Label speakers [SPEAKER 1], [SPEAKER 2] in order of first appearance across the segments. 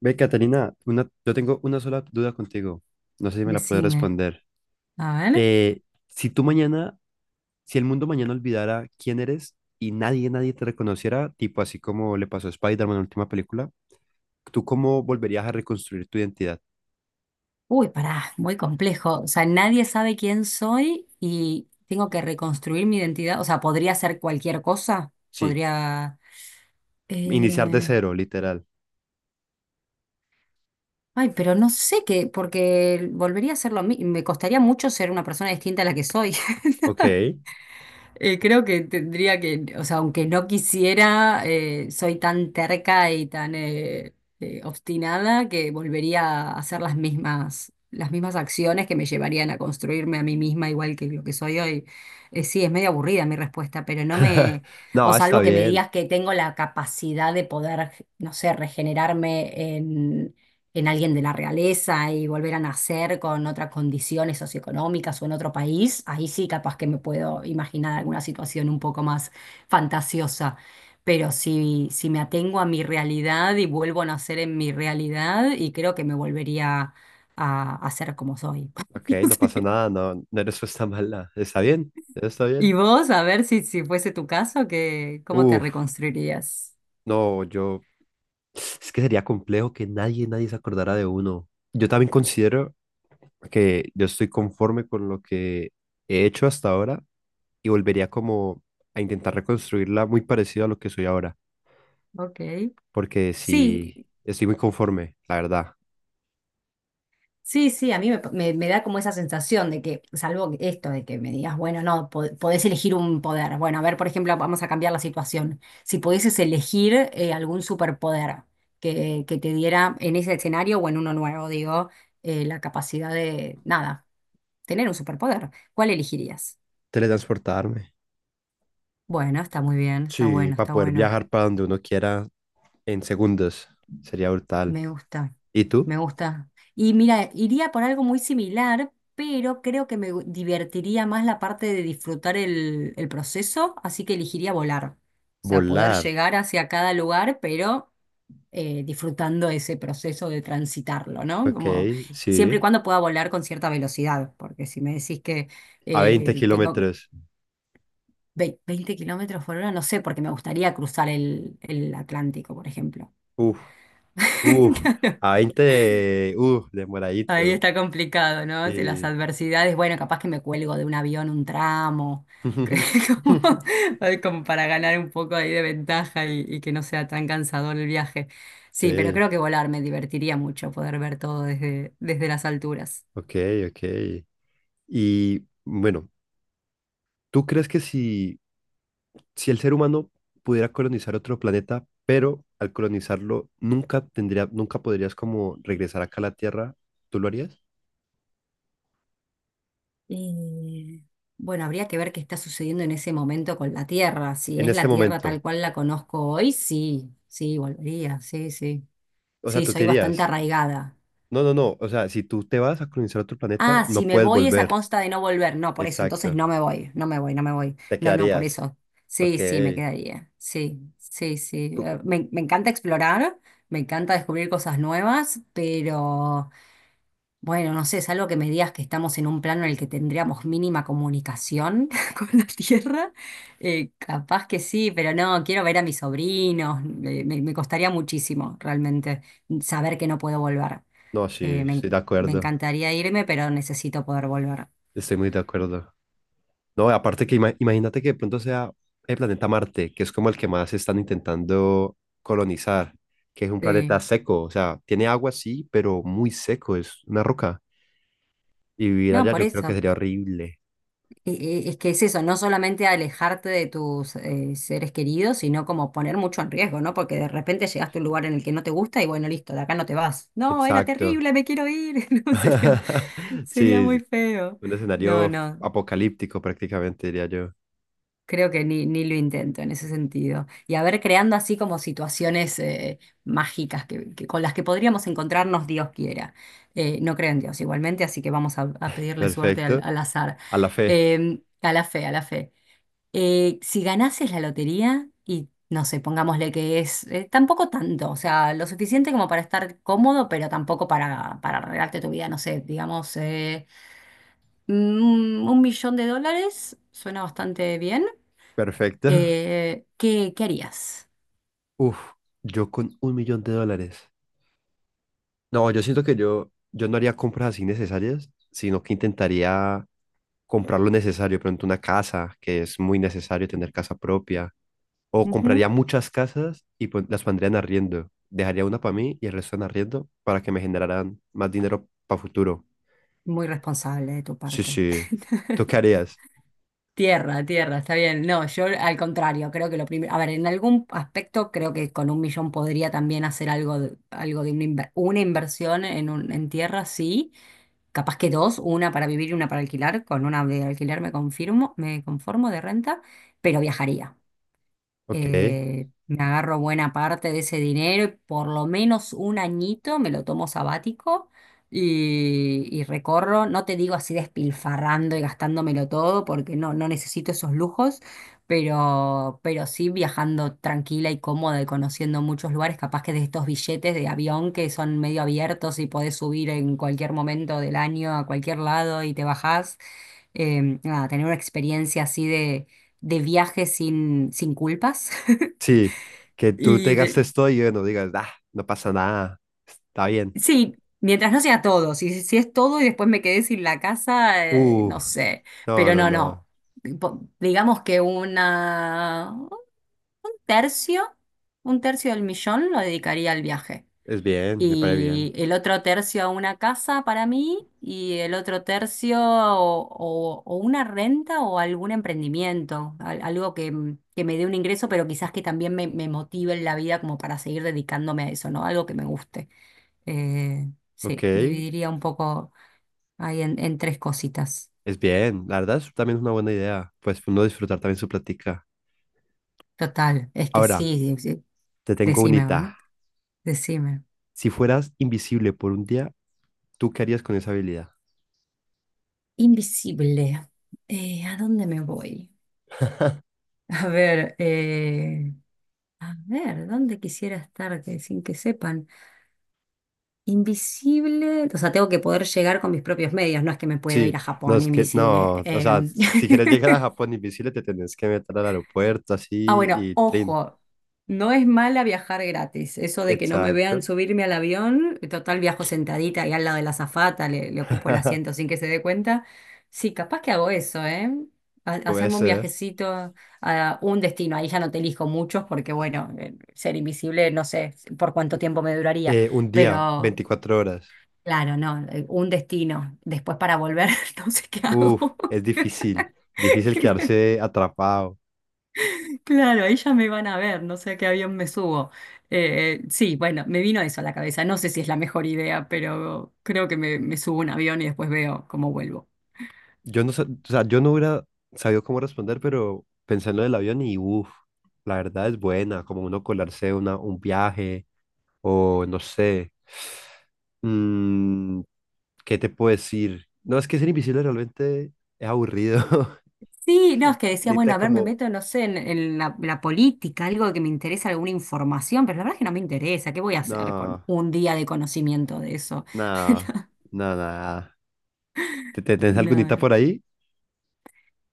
[SPEAKER 1] Ve, Catalina, yo tengo una sola duda contigo. No sé si me la puedes
[SPEAKER 2] Decime,
[SPEAKER 1] responder.
[SPEAKER 2] a ver.
[SPEAKER 1] Eh, si tú mañana, si el mundo mañana olvidara quién eres y nadie te reconociera, tipo así como le pasó a Spider-Man en la última película, ¿tú cómo volverías a reconstruir tu identidad?
[SPEAKER 2] Uy, pará, muy complejo. O sea, nadie sabe quién soy y tengo que reconstruir mi identidad. O sea, podría ser cualquier cosa.
[SPEAKER 1] Sí,
[SPEAKER 2] Podría.
[SPEAKER 1] iniciar de
[SPEAKER 2] eh,
[SPEAKER 1] cero, literal.
[SPEAKER 2] Ay, pero no sé qué, porque volvería a ser lo mismo. Me costaría mucho ser una persona distinta a la que soy.
[SPEAKER 1] Ok.
[SPEAKER 2] Creo que tendría que, o sea, aunque no quisiera, soy tan terca y tan obstinada que volvería a hacer las mismas acciones que me llevarían a construirme a mí misma igual que lo que soy hoy. Sí, es medio aburrida mi respuesta, pero no me, o
[SPEAKER 1] No, está
[SPEAKER 2] salvo que me
[SPEAKER 1] bien.
[SPEAKER 2] digas que tengo la capacidad de poder, no sé, regenerarme en alguien de la realeza y volver a nacer con otras condiciones socioeconómicas o en otro país, ahí sí capaz que me puedo imaginar alguna situación un poco más fantasiosa. Pero si me atengo a mi realidad y vuelvo a nacer en mi realidad, y creo que me volvería a ser como soy.
[SPEAKER 1] Ok,
[SPEAKER 2] No
[SPEAKER 1] no pasa
[SPEAKER 2] sé.
[SPEAKER 1] nada, no, no eres pues tan mala. Está bien, está
[SPEAKER 2] Y
[SPEAKER 1] bien.
[SPEAKER 2] vos, a ver si fuese tu caso, que, ¿cómo te
[SPEAKER 1] Uf,
[SPEAKER 2] reconstruirías?
[SPEAKER 1] no, yo... Es que sería complejo que nadie se acordara de uno. Yo también considero que yo estoy conforme con lo que he hecho hasta ahora y volvería como a intentar reconstruirla muy parecida a lo que soy ahora,
[SPEAKER 2] Ok.
[SPEAKER 1] porque
[SPEAKER 2] Sí,
[SPEAKER 1] sí, estoy muy conforme, la verdad.
[SPEAKER 2] sí, sí, a mí me da como esa sensación de que, salvo esto de que me digas, bueno, no, podés elegir un poder. Bueno, a ver, por ejemplo, vamos a cambiar la situación. Si pudieses elegir algún superpoder que te diera en ese escenario o en uno nuevo, digo, la capacidad de, nada, tener un superpoder, ¿cuál elegirías?
[SPEAKER 1] Teletransportarme.
[SPEAKER 2] Bueno, está muy bien, está
[SPEAKER 1] Sí,
[SPEAKER 2] bueno,
[SPEAKER 1] para
[SPEAKER 2] está
[SPEAKER 1] poder
[SPEAKER 2] bueno.
[SPEAKER 1] viajar para donde uno quiera en segundos sería brutal.
[SPEAKER 2] Me gusta,
[SPEAKER 1] ¿Y tú?
[SPEAKER 2] me gusta. Y mira, iría por algo muy similar, pero creo que divertiría más la parte de disfrutar el proceso, así que elegiría volar. O sea, poder
[SPEAKER 1] Volar.
[SPEAKER 2] llegar hacia cada lugar, pero disfrutando ese proceso de transitarlo, ¿no?
[SPEAKER 1] Ok,
[SPEAKER 2] Como siempre y
[SPEAKER 1] sí.
[SPEAKER 2] cuando pueda volar con cierta velocidad, porque si me decís que
[SPEAKER 1] A veinte
[SPEAKER 2] tengo
[SPEAKER 1] kilómetros.
[SPEAKER 2] 20 kilómetros por hora, no sé, porque me gustaría cruzar el Atlántico, por ejemplo.
[SPEAKER 1] Uf, uf. A 20 de- uf,
[SPEAKER 2] Ahí
[SPEAKER 1] demoradito.
[SPEAKER 2] está complicado, ¿no? Si las
[SPEAKER 1] Sí.
[SPEAKER 2] adversidades, bueno, capaz que me cuelgo de un avión un tramo, que como, ay, como para ganar un poco ahí de ventaja y que no sea tan cansador el viaje. Sí, pero
[SPEAKER 1] Ok.
[SPEAKER 2] creo que volar me divertiría mucho poder ver todo desde las alturas.
[SPEAKER 1] Ok, ok. Y bueno, ¿tú crees que si, si el ser humano pudiera colonizar otro planeta, pero al colonizarlo nunca tendría, nunca podrías como regresar acá a la Tierra, ¿tú lo harías?
[SPEAKER 2] Eh, bueno, habría que ver qué está sucediendo en ese momento con la Tierra. Si
[SPEAKER 1] En
[SPEAKER 2] es
[SPEAKER 1] este
[SPEAKER 2] la Tierra
[SPEAKER 1] momento.
[SPEAKER 2] tal cual la conozco hoy, sí, sí, volvería, sí, sí.
[SPEAKER 1] O sea,
[SPEAKER 2] Sí,
[SPEAKER 1] tú te
[SPEAKER 2] soy bastante
[SPEAKER 1] irías.
[SPEAKER 2] arraigada.
[SPEAKER 1] No, no, no. O sea, si tú te vas a colonizar otro planeta,
[SPEAKER 2] Ah, si
[SPEAKER 1] no
[SPEAKER 2] me
[SPEAKER 1] puedes
[SPEAKER 2] voy es a
[SPEAKER 1] volver.
[SPEAKER 2] consta de no volver. No, por eso. Entonces
[SPEAKER 1] Exacto.
[SPEAKER 2] no me voy, no me voy, no me voy.
[SPEAKER 1] Te
[SPEAKER 2] No, no, por
[SPEAKER 1] quedarías.
[SPEAKER 2] eso.
[SPEAKER 1] Ok.
[SPEAKER 2] Sí, sí, me quedaría. Sí, sí, sí.
[SPEAKER 1] Cu-
[SPEAKER 2] Eh,
[SPEAKER 1] cu-
[SPEAKER 2] Me, me encanta explorar, me encanta descubrir cosas nuevas, pero bueno, no sé, es algo que me digas que estamos en un plano en el que tendríamos mínima comunicación con la Tierra. Capaz que sí, pero no, quiero ver a mis sobrinos. Me costaría muchísimo realmente saber que no puedo volver.
[SPEAKER 1] No, sí,
[SPEAKER 2] Eh, me,
[SPEAKER 1] estoy
[SPEAKER 2] en-
[SPEAKER 1] de
[SPEAKER 2] me
[SPEAKER 1] acuerdo.
[SPEAKER 2] encantaría irme, pero necesito poder volver.
[SPEAKER 1] Estoy muy de acuerdo. No, aparte que imagínate que de pronto sea el planeta Marte, que es como el que más están intentando colonizar, que es un planeta
[SPEAKER 2] Sí.
[SPEAKER 1] seco, o sea, tiene agua sí, pero muy seco, es una roca. Y vivir
[SPEAKER 2] No,
[SPEAKER 1] allá
[SPEAKER 2] por
[SPEAKER 1] yo creo que
[SPEAKER 2] eso.
[SPEAKER 1] sería horrible.
[SPEAKER 2] E- Es que es eso, no solamente alejarte de tus seres queridos, sino como poner mucho en riesgo, ¿no? Porque de repente llegaste a un lugar en el que no te gusta y bueno, listo, de acá no te vas. No, era
[SPEAKER 1] Exacto.
[SPEAKER 2] terrible, me quiero ir. No, sería, sería
[SPEAKER 1] Sí,
[SPEAKER 2] muy
[SPEAKER 1] es
[SPEAKER 2] feo.
[SPEAKER 1] un
[SPEAKER 2] No,
[SPEAKER 1] escenario
[SPEAKER 2] no.
[SPEAKER 1] apocalíptico prácticamente, diría yo.
[SPEAKER 2] Creo que ni lo intento en ese sentido. Y a ver, creando así como situaciones mágicas con las que podríamos encontrarnos, Dios quiera. No creo en Dios igualmente, así que vamos a pedirle suerte al,
[SPEAKER 1] Perfecto.
[SPEAKER 2] al azar.
[SPEAKER 1] A la fe.
[SPEAKER 2] A la fe, a la fe. Si ganases la lotería y, no sé, pongámosle que es tampoco tanto, o sea, lo suficiente como para estar cómodo, pero tampoco para arreglarte tu vida, no sé, digamos, un millón de dólares, suena bastante bien.
[SPEAKER 1] Perfecto.
[SPEAKER 2] ¿Qué harías?
[SPEAKER 1] Uf, yo con un millón de dólares. No, yo siento que yo no haría compras así necesarias, sino que intentaría comprar lo necesario, pronto una casa, que es muy necesario tener casa propia, o compraría
[SPEAKER 2] Ujú.
[SPEAKER 1] muchas casas y las pondría en arriendo. Dejaría una para mí y el resto en arriendo para que me generaran más dinero para futuro.
[SPEAKER 2] Muy responsable de tu
[SPEAKER 1] Sí,
[SPEAKER 2] parte.
[SPEAKER 1] sí. ¿Tú qué harías?
[SPEAKER 2] Tierra, tierra, está bien. No, yo al contrario, creo que lo primero, a ver, en algún aspecto creo que con un millón podría también hacer algo de una inversión en, en tierra, sí. Capaz que dos, una para vivir y una para alquilar. Con una de alquiler me confirmo, me conformo de renta, pero viajaría.
[SPEAKER 1] Ok.
[SPEAKER 2] Me agarro buena parte de ese dinero, y por lo menos un añito me lo tomo sabático y recorro, no te digo así despilfarrando y gastándomelo todo, porque no necesito esos lujos, pero sí viajando tranquila y cómoda y conociendo muchos lugares, capaz que de estos billetes de avión que son medio abiertos y podés subir en cualquier momento del año a cualquier lado y te bajás. Nada, tener una experiencia así de viaje sin culpas.
[SPEAKER 1] Sí, que tú te
[SPEAKER 2] Y de-
[SPEAKER 1] gastes todo y bueno, digas, ah, no pasa nada, está bien.
[SPEAKER 2] sí, mientras no sea todo, si es todo y después me quedé sin la casa,
[SPEAKER 1] Uh,
[SPEAKER 2] no sé,
[SPEAKER 1] no,
[SPEAKER 2] pero
[SPEAKER 1] no,
[SPEAKER 2] no,
[SPEAKER 1] no,
[SPEAKER 2] no. Digamos que tercio, un tercio del millón lo dedicaría al viaje.
[SPEAKER 1] es bien, me parece bien.
[SPEAKER 2] Y el otro tercio a una casa para mí y el otro tercio o una renta o algún emprendimiento, algo que me dé un ingreso, pero quizás que también me motive en la vida como para seguir dedicándome a eso, ¿no? Algo que me guste. Eh,
[SPEAKER 1] Ok,
[SPEAKER 2] sí, dividiría un poco ahí en tres cositas.
[SPEAKER 1] Es bien, la verdad es también es una buena idea, pues uno disfrutar también su plática.
[SPEAKER 2] Total, es que
[SPEAKER 1] Ahora,
[SPEAKER 2] sí, sí, sí,
[SPEAKER 1] te tengo
[SPEAKER 2] decime,
[SPEAKER 1] unita.
[SPEAKER 2] bueno, decime.
[SPEAKER 1] Si fueras invisible por un día, ¿tú qué harías con esa habilidad?
[SPEAKER 2] Invisible. ¿A dónde me voy? A ver, eh, A ver, ¿dónde quisiera estar sin que sepan? Invisible, o sea, tengo que poder llegar con mis propios medios, no es que me puedo ir
[SPEAKER 1] Sí,
[SPEAKER 2] a
[SPEAKER 1] no
[SPEAKER 2] Japón
[SPEAKER 1] es que,
[SPEAKER 2] invisible.
[SPEAKER 1] no, o sea, si quieres llegar a Japón invisible, te tenés que meter al aeropuerto
[SPEAKER 2] Ah,
[SPEAKER 1] así
[SPEAKER 2] bueno,
[SPEAKER 1] y trin.
[SPEAKER 2] ojo, no es mala viajar gratis. Eso de que no me vean
[SPEAKER 1] Exacto.
[SPEAKER 2] subirme al avión, total viajo sentadita y al lado de la azafata, le ocupo el asiento sin que se dé cuenta. Sí, capaz que hago eso, ¿eh?
[SPEAKER 1] Puede
[SPEAKER 2] Hacerme un
[SPEAKER 1] ser.
[SPEAKER 2] viajecito a un destino. Ahí ya no te elijo muchos porque, bueno, ser invisible no sé por cuánto tiempo me duraría.
[SPEAKER 1] Un día,
[SPEAKER 2] Pero,
[SPEAKER 1] 24 horas.
[SPEAKER 2] claro, no, un destino. Después para volver, no sé qué
[SPEAKER 1] Uf,
[SPEAKER 2] hago.
[SPEAKER 1] es difícil, difícil quedarse atrapado.
[SPEAKER 2] Claro, ahí ya me van a ver, no sé a qué avión me subo. Sí, bueno, me vino eso a la cabeza. No sé si es la mejor idea, pero creo que me subo a un avión y después veo cómo vuelvo.
[SPEAKER 1] Yo no, o sea, yo no hubiera sabido cómo responder, pero pensé en lo del avión y uff, la verdad es buena, como uno colarse un viaje o no sé. Mm, ¿qué te puedo decir? No, es que ser invisible realmente es aburrido.
[SPEAKER 2] Sí, no, es que decía, bueno,
[SPEAKER 1] Necesitas
[SPEAKER 2] a ver, me
[SPEAKER 1] como,
[SPEAKER 2] meto, no sé, en la política, algo que me interesa, alguna información, pero la verdad es que no me interesa. ¿Qué voy a hacer
[SPEAKER 1] no,
[SPEAKER 2] con un día de conocimiento de eso?
[SPEAKER 1] no, no, nada. Tenés
[SPEAKER 2] No,
[SPEAKER 1] algunita
[SPEAKER 2] no.
[SPEAKER 1] por ahí?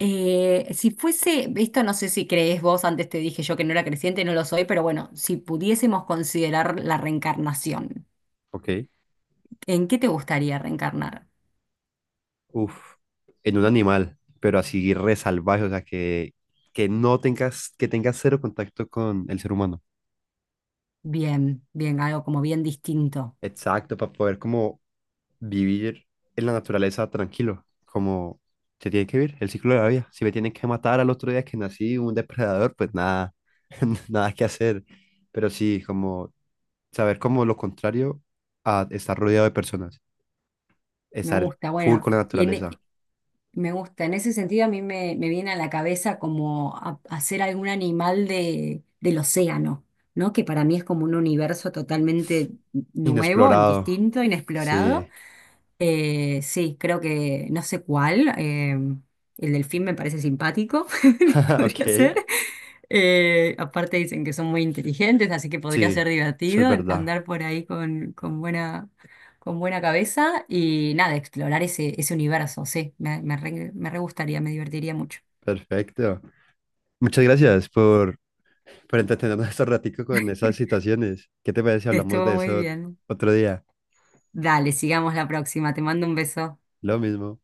[SPEAKER 2] Si fuese, esto no sé si crees vos, antes te dije yo que no era creciente, no lo soy, pero bueno, si pudiésemos considerar la reencarnación,
[SPEAKER 1] Ok.
[SPEAKER 2] ¿en qué te gustaría reencarnar?
[SPEAKER 1] Uf, en un animal, pero así re salvaje, o sea, que no tengas, que tengas cero contacto con el ser humano.
[SPEAKER 2] Bien, bien, algo como bien distinto.
[SPEAKER 1] Exacto, para poder como vivir en la naturaleza tranquilo, como se tiene que vivir el ciclo de la vida. Si me tienen que matar al otro día que nací un depredador, pues nada, nada que hacer. Pero sí, como saber como lo contrario a estar rodeado de personas,
[SPEAKER 2] Me
[SPEAKER 1] estar
[SPEAKER 2] gusta,
[SPEAKER 1] full
[SPEAKER 2] bueno,
[SPEAKER 1] con la
[SPEAKER 2] y en, e-
[SPEAKER 1] naturaleza,
[SPEAKER 2] me gusta, en ese sentido a mí me viene a la cabeza como hacer algún animal del océano, ¿no? Que para mí es como un universo totalmente nuevo,
[SPEAKER 1] inexplorado.
[SPEAKER 2] distinto, inexplorado.
[SPEAKER 1] Sí,
[SPEAKER 2] Sí, creo que no sé cuál. El delfín me parece simpático, podría
[SPEAKER 1] ok,
[SPEAKER 2] ser. Aparte dicen que son muy inteligentes, así que podría
[SPEAKER 1] sí,
[SPEAKER 2] ser
[SPEAKER 1] eso es
[SPEAKER 2] divertido
[SPEAKER 1] verdad.
[SPEAKER 2] andar por ahí con buena cabeza y nada, explorar ese universo. Sí, me re gustaría, me divertiría mucho.
[SPEAKER 1] Perfecto. Muchas gracias por Pero entretenernos estos raticos con esas situaciones. ¿Qué te parece si hablamos
[SPEAKER 2] Estuvo
[SPEAKER 1] de
[SPEAKER 2] muy
[SPEAKER 1] eso
[SPEAKER 2] bien.
[SPEAKER 1] otro día?
[SPEAKER 2] Dale, sigamos la próxima. Te mando un beso.
[SPEAKER 1] Lo mismo.